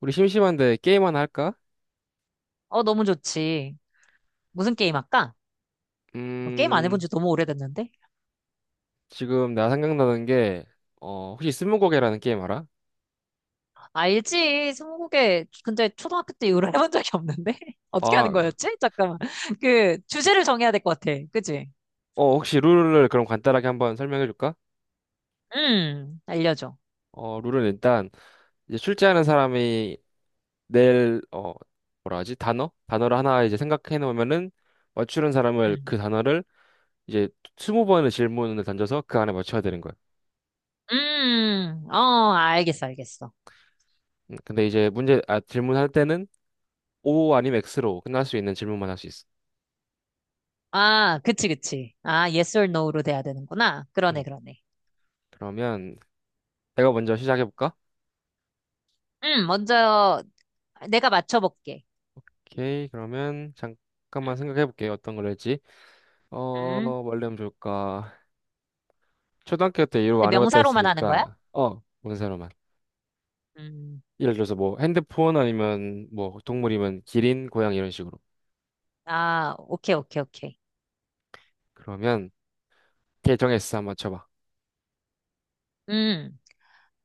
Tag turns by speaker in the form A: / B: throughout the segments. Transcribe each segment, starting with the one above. A: 우리 심심한데 게임 하나 할까?
B: 너무 좋지. 무슨 게임 할까? 게임 안 해본
A: 음,
B: 지 너무 오래됐는데?
A: 지금 나 생각나는 게, 혹시 스무고개라는 게임 알아?
B: 알지. 스무고개. 근데 초등학교 때 이후로 해본 적이 없는데? 어떻게 하는
A: 아,
B: 거였지? 잠깐만. 주제를 정해야 될 것 같아. 그치?
A: 혹시 룰을 그럼 간단하게 한번 설명해 줄까?
B: 알려줘.
A: 룰은 일단, 이제 출제하는 사람이 낼, 어, 뭐라 하지? 단어? 단어를 하나 이제 생각해 놓으면은, 맞추는 사람을
B: 음,
A: 그 단어를 이제 20번의 질문을 던져서 그 안에 맞춰야 되는 거야.
B: 알겠어, 알겠어.
A: 근데 이제 질문할 때는 O 아니면 X로 끝날 수 있는 질문만 할 수 있어.
B: 아, 그치, 그치. 아, yes or no로 돼야 되는구나. 그러네,
A: 음,
B: 그러네.
A: 그러면 내가 먼저 시작해 볼까?
B: 먼저 내가 맞춰볼게.
A: 오케이, 그러면 잠깐만
B: 음,
A: 생각해 볼게요. 어떤 걸 할지.
B: 음.
A: 뭘 하면 좋을까? 초등학교 때 이런
B: 근데
A: 거안 해봤다
B: 명사로만 하는 거야?
A: 했으니까, 뭔 사람만.
B: 음,
A: 예를 들어서 뭐 핸드폰 아니면 뭐 동물이면 기린, 고양 이런 식으로.
B: 오케이, 오케이, 오케이.
A: 그러면 계정에서 한번 쳐봐.
B: 음.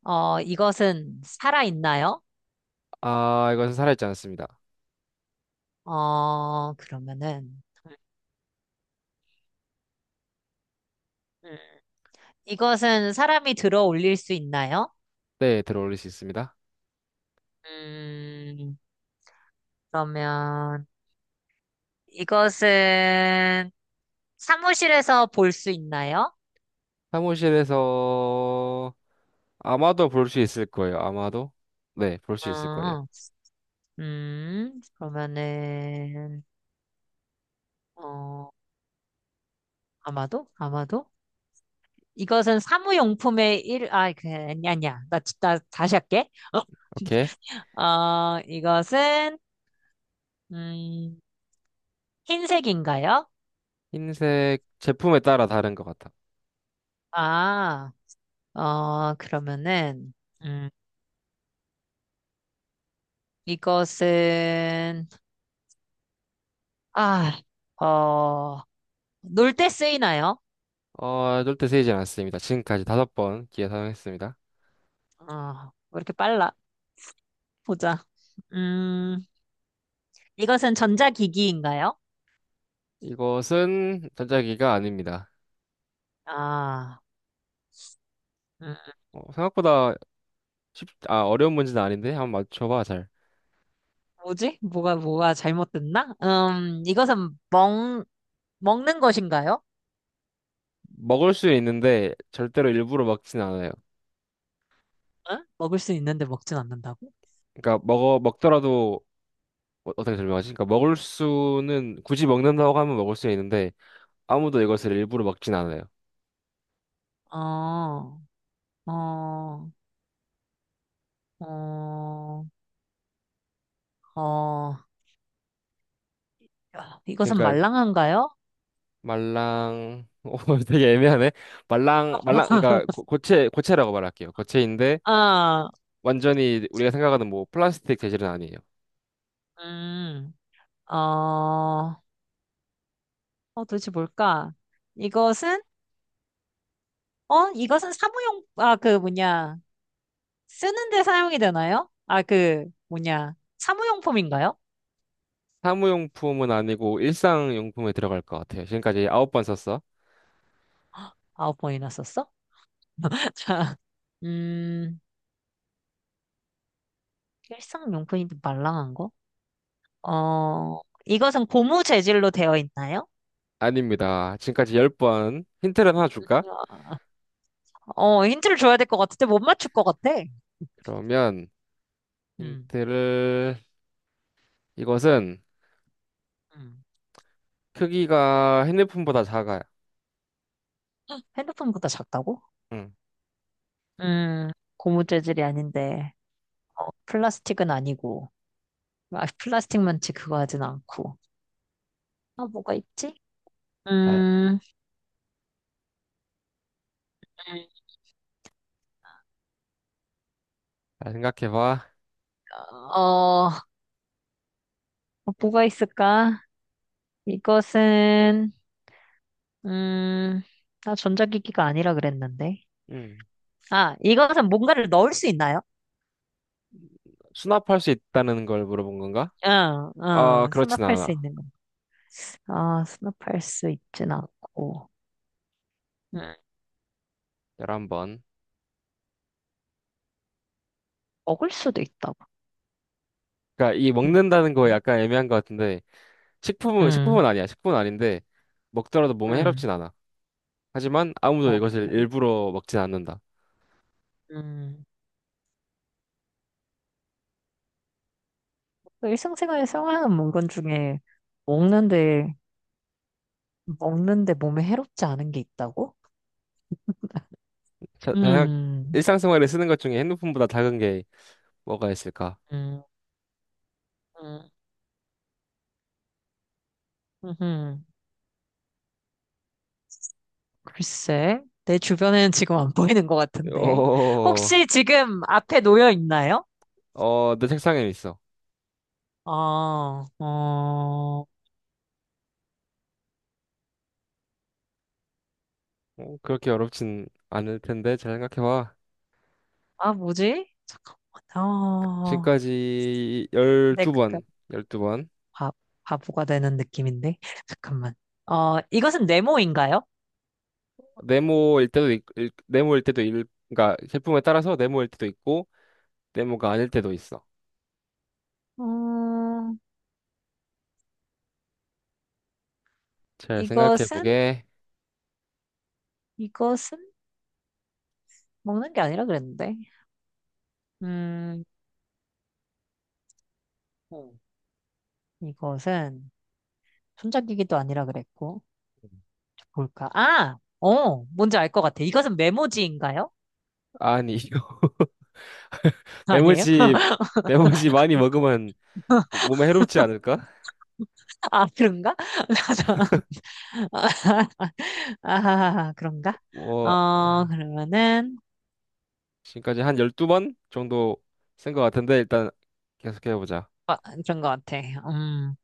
B: 이것은 살아있나요?
A: 아, 이것은 살아있지 않습니다.
B: 그러면은, 음, 이것은 사람이 들어 올릴 수 있나요?
A: 네, 들어올릴 수 있습니다.
B: 음, 그러면, 이것은 사무실에서 볼 수 있나요?
A: 사무실에서 아마도 볼 수 있을 거예요. 아마도. 네, 볼 수 있을 거예요.
B: 음, 그러면은, 어, 아마도? 아마도? 이것은 사무용품의 일, 아, 그, 아니, 아니야. 나 다시 할게.
A: 오케이.
B: 이것은, 음, 흰색인가요?
A: 흰색 제품에 따라 다른 것 같아.
B: 아. 그러면은, 음, 이것은, 아, 어, 놀 때 쓰이나요?
A: 절대 세이지 않았습니다. 지금까지 5번 기회 사용했습니다.
B: 어, 왜 이렇게 빨라? 보자. 음, 이것은 전자기기인가요?
A: 이것은 전자기가 아닙니다.
B: 아, 음,
A: 생각보다 어려운 문제는 아닌데 한번 맞춰봐, 잘.
B: 뭐지? 뭐가 잘못됐나? 이것은 먹는 것인가요?
A: 먹을 수 있는데 절대로 일부러 먹진 않아요.
B: 응? 먹을 수 있는데 먹진 않는다고?
A: 그러니까 먹어 먹더라도 어떻게 설명하지? 그러니까 먹을 수는 굳이 먹는다고 하면 먹을 수 있는데 아무도 이것을 일부러 먹진 않아요.
B: 어, 어, 어, 어, 야, 이것은
A: 그러니까
B: 말랑한가요?
A: 말랑 오 되게 애매하네. 말랑 말랑 그러니까 고체 고체라고 말할게요. 고체인데
B: 아,
A: 완전히 우리가 생각하는 뭐 플라스틱 재질은 아니에요.
B: 음, 어, 어, 도대체 뭘까? 이것은, 이것은 사무용, 아, 그 뭐냐, 쓰는데 사용이 되나요? 사무용품인가요?
A: 사무용품은 아니고 일상용품에 들어갈 것 같아요. 지금까지 9번 썼어?
B: 9번이나 썼어? 음, 일상용품인데 말랑한 거? 어, 이것은 고무 재질로 되어 있나요?
A: 아닙니다. 지금까지 10번. 힌트를 하나 줄까?
B: 힌트를 줘야 될 것 같은데 못 맞출 것 같아.
A: 그러면
B: 음,
A: 힌트를 이것은
B: 음.
A: 크기가 핸드폰보다 작아요.
B: 핸드폰보다 작다고?
A: 응.
B: 음, 고무 재질이 아닌데, 플라스틱은 아니고. 플라스틱 만치 그거 하진 않고. 뭐가 있지?
A: 잘,
B: 음,
A: 잘 생각해봐.
B: 어, 뭐가 있을까? 이것은, 음, 나 전자기기가 아니라 그랬는데.
A: 응.
B: 이것은 뭔가를 넣을 수 있나요?
A: 수납할 수 있다는 걸 물어본 건가?
B: 응,
A: 아,
B: 응,
A: 그렇진
B: 수납할 수
A: 않아.
B: 있는 것 같아. 수납할 수 있진 않고. 음,
A: 11번.
B: 먹을 수도 있다고.
A: 그러니까 이
B: 음,
A: 먹는다는 거 약간 애매한 것 같은데
B: 음,
A: 식품은 아니야. 식품은 아닌데 먹더라도 몸에
B: 음,
A: 해롭진 않아. 하지만 아무도 이것을
B: 그래.
A: 일부러 먹진 않는다.
B: 음. 일상생활에 사용하는 물건 중에 먹는데 먹는데 몸에 해롭지 않은 게 있다고?
A: 자, 자,
B: 음,
A: 일상생활에 쓰는 것 중에 핸드폰보다 작은 게 뭐가 있을까?
B: 음, 음, 음. 글쎄, 내 주변에는 지금 안 보이는 것 같은데.
A: 어,
B: 혹시 지금 앞에 놓여 있나요?
A: 내 책상에 있어.
B: 아, 어,
A: 그렇게 어렵진 않을 텐데 잘 생각해봐.
B: 뭐지? 잠깐만,
A: 지금까지
B: 내, 그,
A: 12번, 열두 번
B: 바, 바보가 되는 느낌인데. 잠깐만. 이것은 네모인가요?
A: 네모일 때도 있, 읽- 네모일 때도 읽, 그러니까 제품에 따라서 네모일 때도 있고 네모가 아닐 때도 있어.
B: 음,
A: 잘
B: 이것은,
A: 생각해보게.
B: 이것은 먹는 게 아니라 그랬는데. 음, 어, 이것은, 손잡이기도 아니라 그랬고. 저 볼까? 아! 뭔지 알 것 같아. 이것은 메모지인가요?
A: 아니,
B: 아니에요?
A: 메모지, 메모지 많이 먹으면 몸에 해롭지 않을까?
B: 아, 그런가? 아, 아, 그런가?
A: 뭐
B: 그러면은,
A: 지금까지 한 12번 정도 쓴 것 같은데 일단 계속해보자.
B: 아, 그런 것 같아. 음,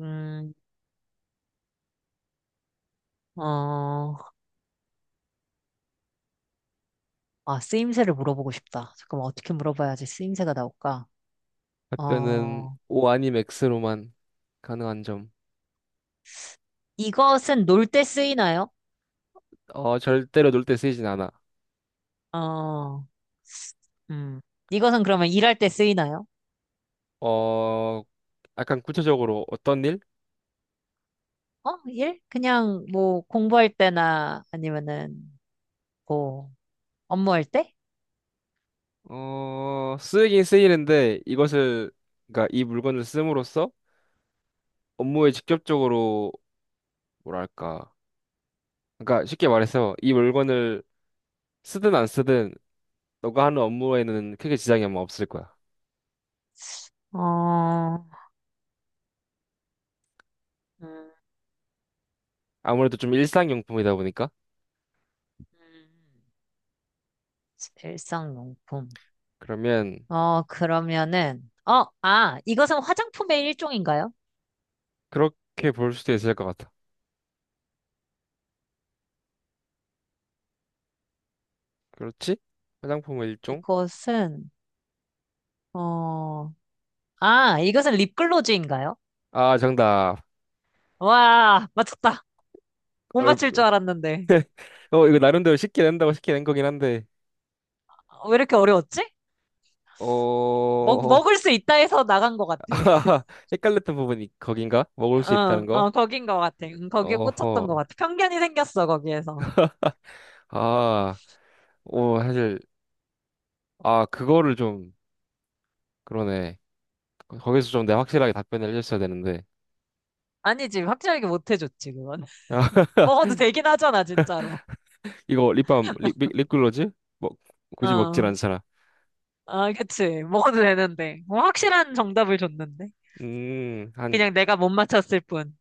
B: 음, 어, 쓰임새를 물어보고 싶다. 잠깐만, 어떻게 물어봐야지 쓰임새가 나올까?
A: 답변은
B: 어,
A: O 아님 X로만 가능한 점.
B: 이것은 놀 때 쓰이나요?
A: 절대로 놀 때 쓰이진 않아.
B: 어, 음, 이것은 그러면 일할 때 쓰이나요?
A: 어, 약간 구체적으로 어떤 일?
B: 일? 그냥 뭐 공부할 때나 아니면은 뭐 업무할 때?
A: 쓰이긴 쓰이는데 그러니까 이 물건을 씀으로써 업무에 직접적으로 뭐랄까. 그러니까 쉽게 말해서 이 물건을 쓰든 안 쓰든 너가 하는 업무에는 크게 지장이 아마 없을 거야.
B: 어, 음,
A: 아무래도 좀 일상용품이다 보니까.
B: 음, 일상용품.
A: 그러면
B: 그러면은, 이것은 화장품의 일종인가요?
A: 그렇게 볼 수도 있을 것 같아. 그렇지? 화장품의 일종?
B: 이것은, 어, 이것은 립글로즈인가요?
A: 아, 정답.
B: 와, 맞췄다. 못
A: 얼...
B: 맞출 줄 알았는데.
A: 이거 나름대로 쉽게 낸다고 쉽게 낸 거긴 한데,
B: 왜 이렇게 어려웠지?
A: 어,
B: 먹을 수 있다 해서 나간 것 같아.
A: 헷갈렸던 부분이 거긴가? 먹을 수 있다는 거?
B: 거긴 것 같아. 응, 거기에
A: 어허.
B: 꽂혔던 것 같아. 편견이 생겼어, 거기에서.
A: 아, 사실, 아, 그거를 좀, 그러네. 거기서 좀 내가 확실하게 답변을 해줬어야 되는데.
B: 아니지, 확실하게 못 해줬지, 그건.
A: 아,
B: 먹어도 되긴 하잖아, 진짜로.
A: 이거 립글로즈? 먹, 굳이 먹질
B: 어,
A: 않잖아.
B: 그치. 먹어도 되는데. 뭐 확실한 정답을 줬는데.
A: 한
B: 그냥 내가 못 맞췄을 뿐.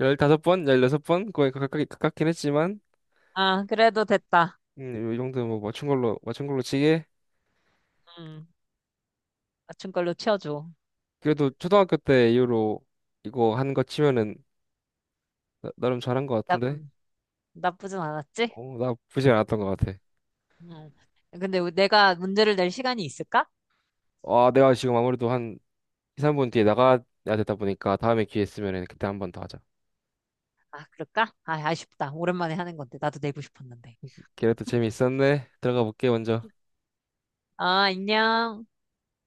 A: 15번, 16번? 거의 가깝긴 했지만,
B: 그래도 됐다.
A: 이 정도 뭐 맞춘 걸로 치게.
B: 음, 맞춘 걸로 치워줘.
A: 그래도 초등학교 때 이후로 이거 한 거 치면은 름 잘한 거
B: 나,
A: 같은데.
B: 음, 나쁘진 않았지?
A: 나 부진 않았던 거 같아.
B: 음. 근데 내가 문제를 낼 시간이 있을까?
A: 내가 지금 아무래도 한 2, 3분 뒤에 나가야 되다 보니까 다음에 기회 있으면은 그때 한 번 더 하자.
B: 그럴까? 아쉽다. 오랜만에 하는 건데. 나도 내고 싶었는데.
A: 그래도 재미있었네. 들어가 볼게 먼저.
B: 안녕.